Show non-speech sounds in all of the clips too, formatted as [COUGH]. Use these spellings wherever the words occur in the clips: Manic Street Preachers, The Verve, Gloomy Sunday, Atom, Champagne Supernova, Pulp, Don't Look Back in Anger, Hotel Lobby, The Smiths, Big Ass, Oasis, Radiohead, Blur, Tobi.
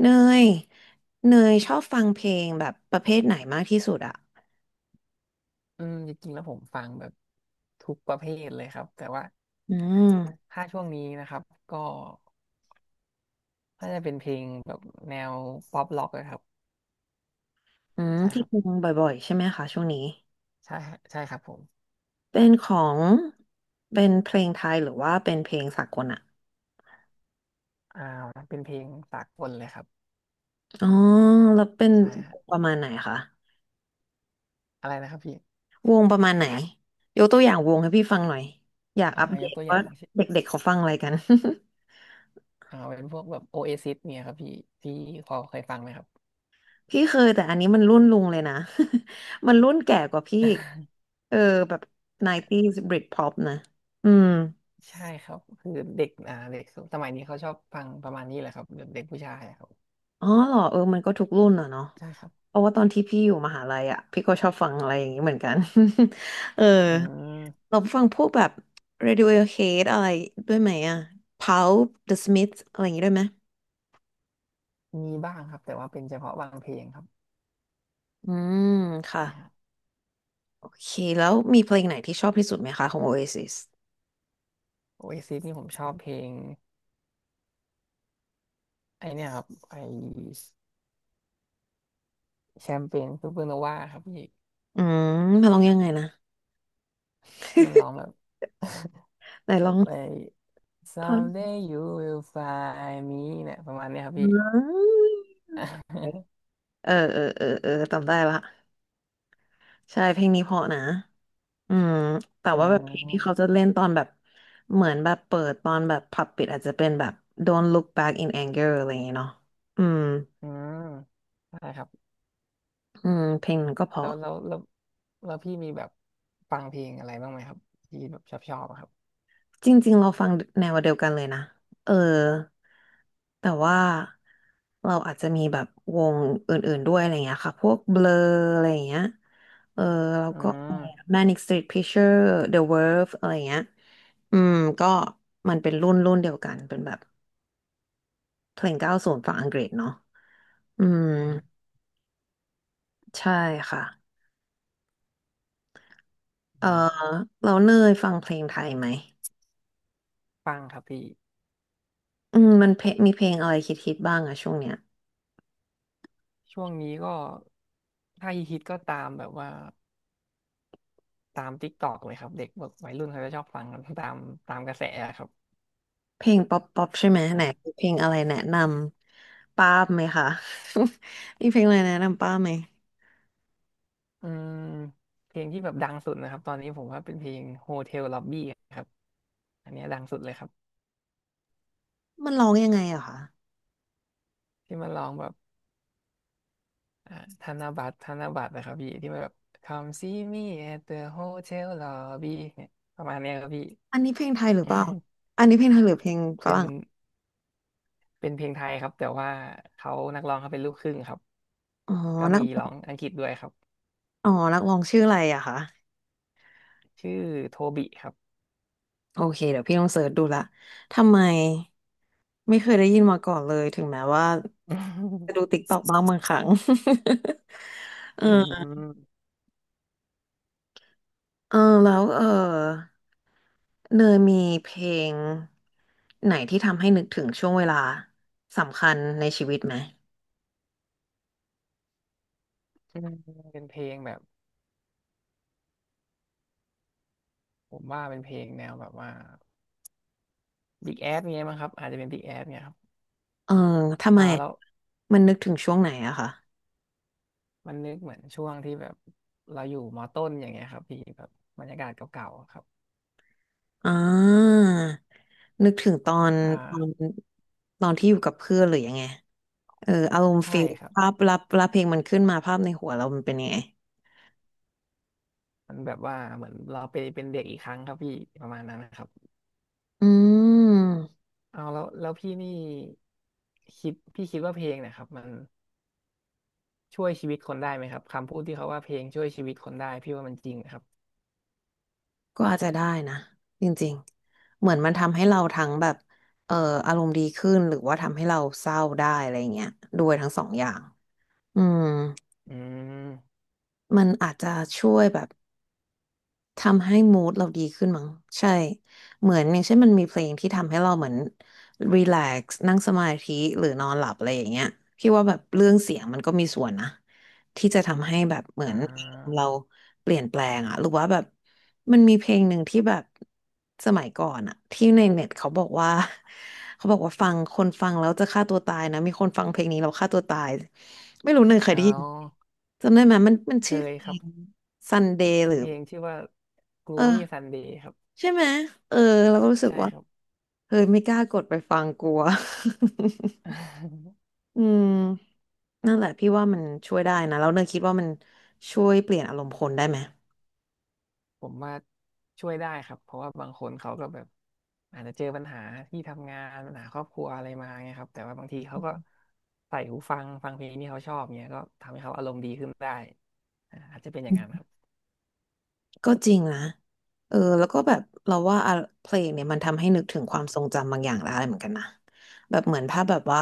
เนยเนยชอบฟังเพลงแบบประเภทไหนมากที่สุดอะจริงๆแล้วผมฟังแบบทุกประเภทเลยครับแต่ว่าอืมถ้าช่วงนี้นะครับก็น่าจะเป็นเพลงแบบแนวป๊อปร็อกนะครับใช่คที่รับฟังบ่อยๆใช่ไหมคะช่วงนี้ ใช่ฮะใช่ครับผมเป็นของเป็นเพลงไทยหรือว่าเป็นเพลงสากลอะอ่าเป็นเพลงสากลเลยครับอ๋อแล้วเป็นใช่ฮะประมาณไหนคะอะไรนะครับพี่วงประมาณไหนยกตัวอย่างวงให้พี่ฟังหน่อยอยากอัปเดยกตตัวอว่าย่างเช่นเด็กๆเขาฟังอะไรกัน [LAUGHS] เป็นพวกแบบโอเอซิสเนี่ยครับพี่พอเคยฟังไหมครับ พี่เคยแต่อันนี้มันรุ่นลุงเลยนะ [LAUGHS] มันรุ่นแก่กว่าพี่อีก [LAUGHS] เออแบบ 90s Britpop นะอืม ใช่ครับคือเด็กสมัยนี้เขาชอบฟังประมาณนี้แหละครับแบบเด็กผู้ชายอะครับอ๋อเหรอเออมันก็ทุกรุ่นอ่ะเนาะใช่ครับเพราะว่าตอนที่พี่อยู่มหาลัยอ่ะพี่ก็ชอบฟังอะไรอย่างนี้เหมือนกัน [LAUGHS] เอออืมเราฟังพวกแบบ Radiohead อะไรด้วยไหมอ่ะ Pulp The Smiths อะไรอย่างนี้ด้วยไหมมีบ้างครับแต่ว่าเป็นเฉพาะบางเพลงครับอืมค่ะใช่ฮะ โอเคแล้วมีเพลงไหนที่ชอบที่สุดไหมคะของ Oasis โอเอซิสนี่ผมชอบเพลงไอเนี่ยครับไอแชมเปญซูเปอร์โนวาครับพี่อืมมาลองยังไงนะ มันร้อง [LAUGHS] แบบไหนแบลอบง ไอ [LAUGHS] ท่อน someday you will find me เนี่ยประมาณเนี้ยครับอพี่ ืมเออเออเออเออจำได้ละใช่เพลงนี้เพราะนะ อืมแต่ [LAUGHS] อืว่าแบบเพลงที่เขามจะเล่นตอนแบบเหมือนแบบเปิดตอนแบบผับปิดอาจจะเป็นแบบ Don't Look Back in Anger อะไรอย่างเงี้ยเนาะอืมอืมใช่ครับอืมเพลงมันก็เพแล้ราะวแล้วแล้วแล้วพี่มีแบบฟังเพลงอะไรบ้างไหมครับที่แบบชอบครับจริงๆเราฟังแนวเดียวกันเลยนะเออแต่ว่าเราอาจจะมีแบบวงอื่นๆด้วยอะไรเงี้ยค่ะพวก Blur อะไรเงี้ยเออแล้วอืก็ ม Manic Street Preacher The Verve อะไรเงี้ยอืมก็มันเป็นรุ่นเดียวกันเป็นแบบเพลงเก้าศูนย์ฝั่งอังกฤษเนาะ อืมอืมใช่ค่ะเอออ่าเราเนยฟังเพลงไทยไหมฟังครับพี่อืมมันเพลงมีเพลงอะไรคิดๆบ้างอะช่วงเนี้ยช่วงนี้ก็ถ้าฮิตๆก็ตามแบบว่า ตามติ๊กตอกเลยครับเด็กแบบวัยรุ่นเขาจะชอบฟังกันตามกระแสอะครับเพลงป๊อปป๊อปใช่ไหมไหนอ่ามีเพลงอะไรแนะนำป้าบไหมคะ [LAUGHS] มีเพลงอะไรแนะนำป้าบไหมอืมเพลงที่แบบดังสุดนะครับตอนนี้ผมว่าเป็นเพลง Hotel Lobby ครับอันเนี้ยดังสุดเลยครับมันร้องยังไงอะคะที่มันร้องแบบอ่าธนบัตรนะครับพี่ที่มันแบบ Come see me at the hotel lobby เนี่ยประมาณเนี้ยครับพี่ อันนี้เพลงไทยหรือเปล่าอันนี้เพลงไทยหรือเพลง [LAUGHS] ฝเป็นรั่งเป็นเพลงไทยครับแต่ว่าเขานักร้องเขาเป็นลูกครึ่งครับอ๋อก็นักมีร้องอังกฤษด้วยครับอ๋อนักร้องชื่ออะไรอะคะ ชื่อโทบิครับ โอเคเดี๋ยวพี่ต้องเสิร์ชดูละทำไมไม่เคยได้ยินมาก่อนเลยถึงแม้ว่าจะดูติ๊กต็อกบ้างบางครั้ง [LAUGHS] [LAUGHS] อืเออม เออแล้วเออเนยมีเพลงไหนที่ทำให้นึกถึงช่วงเวลาสำคัญในชีวิตไหมเป็นเพลงแบบผมว่าเป็นเพลงแนวแบบว่า Big Ass เงี้ยมั้งครับอาจจะเป็น Big Ass เงี้ยครับเออทำไมแล้วมันนึกถึงช่วงไหนอะคะมันนึกเหมือนช่วงที่แบบเราอยู่มอต้นอย่างเงี้ยครับพี่แบบบรรยากาศเก่าๆอะครับอ่านึกถึงตอนตออ่านที่อยู่กับเพื่อนหรือยังไง เอออารมณ์ใช่ฟิลครับภาพรับเพลงมันขึ้นมาภาพในหัวเรามันเป็นยังไงมันแบบว่าเหมือนเราไปเป็นเด็กอีกครั้งครับพี่ประมาณนั้นนะครับอืมเอาแล้วแล้วพี่นี่พี่คิดว่าเพลงเนะครับมันช่วยชีวิตคนได้ไหมครับคำพูดที่เขาว่าเพลงช่วยชีวิตคนได้พี่ว่ามันจริงนะครับก็อาจจะได้นะจริงๆเหมือนมันทำให้เราทั้งแบบเอ่ออารมณ์ดีขึ้นหรือว่าทำให้เราเศร้าได้อะไรเงี้ยด้วยทั้งสองอย่างอืมอืมมันอาจจะช่วยแบบ ทำให้มู d เราดีขึ้นมั้งใช่เหมือนอย่างเช่นมันมีเพลงที่ทำให้เราเหมือนรีแลกซ์นั่งสมาธิหรือนอนหลับอะไรอย่างเงี้ยพี่ว่าแบบเรื่องเสียงมันก็มีส่วนนะที่จะทำให้แบบเหมืออ่นาเราเปลี่ยนแปลงอะหรือว่าแบบมันมีเพลงหนึ่งที่แบบสมัยก่อนอะที่ในเน็ตเขาบอกว่า [LAUGHS] เขาบอกว่าฟังคนฟังแล้วจะฆ่าตัวตายนะมีคนฟังเพลงนี้แล้วฆ่าตัวตายไม่รู้เนยเคยเอได้ยินาจำได้ไหมมันเคชื่อเพยลครับ ง Sunday หมัรืนอเพลงชื่อว่า เออ Gloomy Sunday ครับใช่ไหมเออเราก็รู้สึกใช่ว่าครับ เฮ้ยไม่กล้ากดไปฟังกลัว [LAUGHS] [LAUGHS] อืมนั่นแหละพี่ว่ามันช่วยได้นะแล้วเนยคิดว่ามันช่วยเปลี่ยนอารมณ์คนได้ไหมผมว่าช่วยได้ครับเพราะว่าบางคนเขาก็แบบอาจจะเจอปัญหาที่ทำงานปัญหาครอบครัวอะไรมาไงครับแต่ว่าบางทีเขาก็ใส่หูฟังฟังเพลงที่เขาชอบเนี่ยก็ทำให้เขาอารมณ์ดีขึ้นได้อาจจะเป็นอย่าอืงนั้นคมรับก็จริงนะเออแล้วก็แบบเราว่าอะเพลงเนี่ยมันทำให้นึกถึงความทรงจำบางอย่างได้เหมือนกันนะแบบเหมือนถ้าแบบว่า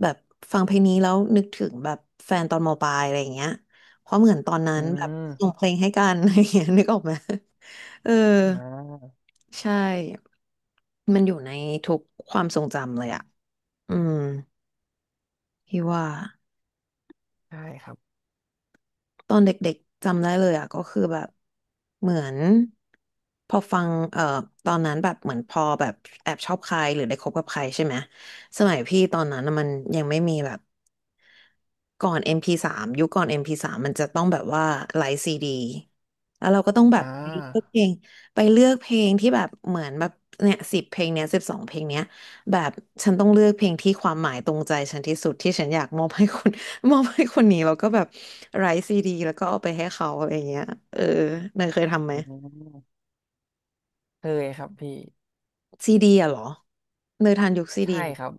แบบฟังเพลงนี้แล้วนึกถึงแบบแฟนตอนมปลายอะไรอย่างเงี้ยเพราะเหมือนตอนนั้อืนแบบมส่งเพลงให้กัน [LAUGHS] อะไรอย่างเงี้ยนึกออกไหมเออ อ่าใช่ มันอยู่ในทุกความทรงจำเลยอะอืมพี่ว่า ใช่ครับตอนเด็กๆจำได้เลยอ่ะก็คือแบบเหมือนพอฟังตอนนั้นแบบเหมือนพอแบบแอบชอบใครหรือได้คบกับใครใช่ไหมสมัยพี่ตอนนั้นน่ะมันยังไม่มีแบบก่อน MP3 ยุคก่อน MP3 มพีสามมันจะต้องแบบว่าไลฟ์ซีดีแล้วเราก็ต้องแบบอ่าไปเลือกเพลงไปเลือกเพลงที่แบบเหมือนแบบเนี่ยสิบเพลงเนี้ยสิบสองเพลงเนี้ยแบบฉันต้องเลือกเพลงที่ความหมายตรงใจฉันที่สุดที่ฉันอยากมอบให้คน มอบให้คนนี้แล้วก็แบบไร้ซีดีแล้วก็เอาไปให้เขาอะไรเงี้ยเออเนยเคยทำไหมอืมเคยครับพี่ซีดีอะเหรอเนยทันยุคซีดีใช่ครับ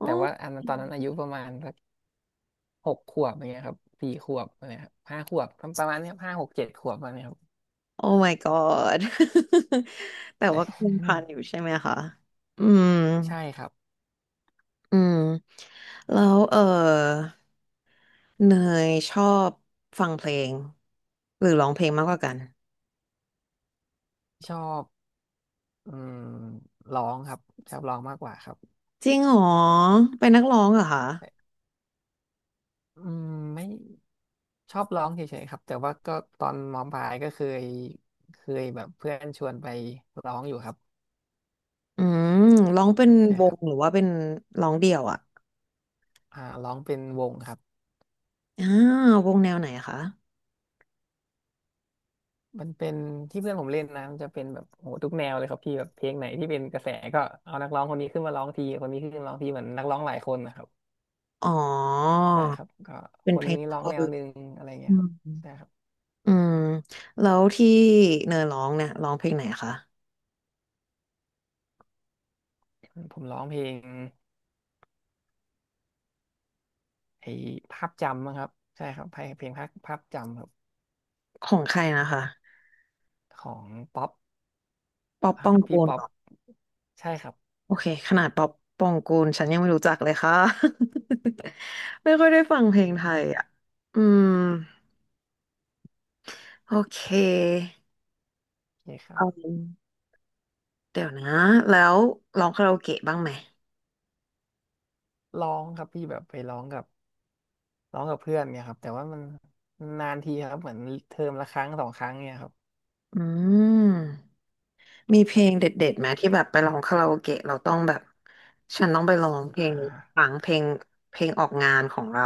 อ๋อแต่ว่าอันนั้นตอนนั้นอายุประมาณสัก 6 ขวบอะไรเงี้ยครับ4 ขวบอะไรครับ5 ขวบประมาณเนี้ย5 6 7 ขวบอะไรเงี้ยครับโอ้ my god [LAUGHS] แต่แต่ ว่าก็ยังทันอยู่ใช่ไหมคะอืม [LAUGHS] ใช่ครับอืมแล้วเออเนยชอบฟังเพลงหรือร้องเพลงมากกว่ากันชอบอืมร้องครับชอบร้องมากกว่าครับจริงเหรอเป็นนักร้องเหรอคะแต่อืมไม่ชอบร้องเฉยๆครับแต่ว่าก็ตอนมปลายก็เคยแบบเพื่อนชวนไปร้องอยู่ครับอืมร้องเป็นใช่วครังบหรือว่าเป็นร้องเดี่ยวอะ ร้องเป็นวงครับอ่าววงแนวไหนคะมันเป็นที่เพื่อนผมเล่นนะมันจะเป็นแบบโหทุกแนวเลยครับพี่แบบเพลงไหนที่เป็นกระแสก็เอานักร้องคนนี้ขึ้นมาร้องทีคนนี้ขึ้นมาร้องทีเหมือนนักร้องหลายคนนะครับ อ๋อใช่ครับก็เป็คนเพนลง นี้ร้องแน cover วหนึ่งอะไรเงี้อืยครัมบใช่ครับอืมแล้วที่เนยร้องเนี่ยร้องเพลงไหนคะผมร้องเพลงไอ้ภาพจำมั้งครับใช่ครับเพลงภาพจำครับของใครนะคะของป๊อปป๊อปคปรัอบงพี่กูลป๊อเหรปอใช่ครับโอเคขนาดป๊อปปองกูลฉันยังไม่รู้จักเลยค่ะ [LAUGHS] ไม่ค่อยได้ฟังเพลองไทืยอ่ะมอืมโอเคโอเคครับอืมเดี๋ยวนะแล้วร้องคาราโอเกะบ้างไหมร้องครับพี่แบบไปร้องกับเพื่อนเนี่ยครับแต่ว่ามันนานทีครับเหมือนเทอมละครั้ง2 ครั้งเนี่ยครับอืม มีเพลงเด็ดๆไหมที่แบบไปร้องคาราโอเกะเราต้องแบบฉันต้องไปร้องเพลอ่งนี้ฟัางเพลงเพลงออกงานของเรา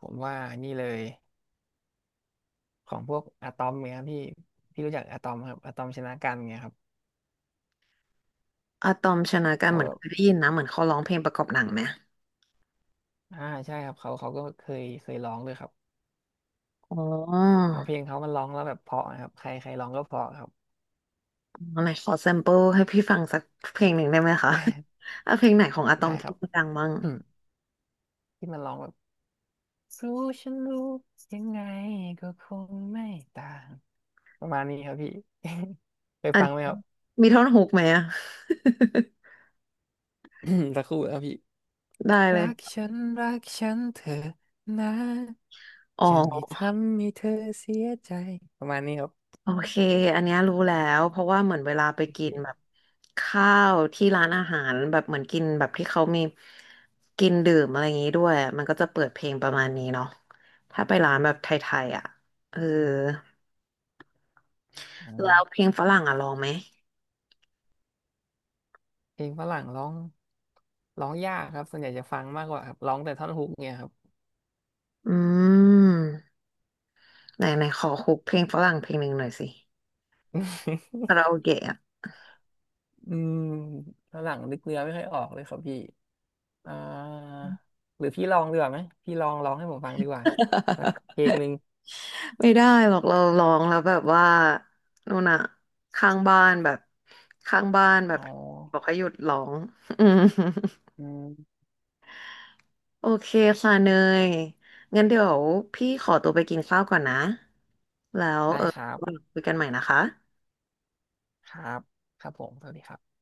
ผมว่านี่เลยของพวกอะตอมเนี่ยครับพี่รู้จักอะตอมครับอะตอมชนะกันเนี่ยครับอะตอมชนะกันเขาเหมือนแบเคบ ยได้ยินนะเหมือนเขาร้องเพลงประกอบหนังไหมอ่าใช่ครับเขาก็เคยร้องด้วยครับอ๋อผมว่าเพลงเขามันร้องแล้วแบบเพราะนะครับใครใครร้องก็เพราะครับ อ๋อไหนขอแซมเปิลให้พี่ฟังสักเพลงหนึ่งได้ไหมคะ [LAUGHS] ได้ [LAUGHS] อ่ะเพลงไหนของอะตอมได้คที่รับดังบ้างอืมที่มันร้องแบบรู้ฉันรู้ยังไงก็คงไม่ต่างประมาณนี้ครับพี่ [LAUGHS] เคยอันฟังไหมครับ มีท่อนฮุกไหมอะ [CLEARS THROAT] สักครู่นะครับพี่ [LAUGHS] ได้เลยรักฉันรักฉันเธอะนะอ๋อ จะไม่ทำให้เธอเสียใจประมาณนี้ครับโอเค อันเนี้ยรู้แล้ว เพราะว่าเหมือนเวลาไปโอกิเคนแบบข้าวที่ร้านอาหารแบบเหมือนกินแบบที่เขามีกินดื่มอะไรอย่างงี้ด้วย มันก็จะเปิดเพลงประมาณนี้เนาะถ้าไปร้านแบบไทยๆอ่ะ เออ แล้วอ่าเพลงฝรั่งอ่ะลองไหม เพลงฝรั่งร้องยากครับส่วนใหญ่จะฟังมากกว่าครับร้องแต่ท่อนฮุกเนี่ยครับ อืมไหนไหนขอคุกเพลงฝรั่งเพลงหนึ่งหน่อยสิ [LAUGHS] คาราโอเกะอะ อืมฝรั่งนึกเนื้อไม่ค่อยออกเลยครับพี่อ่าหรือพี่ลองดีกว่าไหม พี่ลองร้องให้ผมฟังดีกว่าสัก [LAUGHS] เพลงหนึ่งไม่ได้หรอกเราร้องแล้วแบบว่านู่นอะข้างบ้านแบบข้างบ้านแบอ๋บอบอกให้หยุดร้อง [LAUGHS] อืมอืมโอเคค่ะเนยงั้นเดี๋ยวพี่ขอตัวไปกินข้าวก่อนนะแล้วได้เออครับ คุยกันใหม่นะคะครับ ครับผมสวัสดีครับ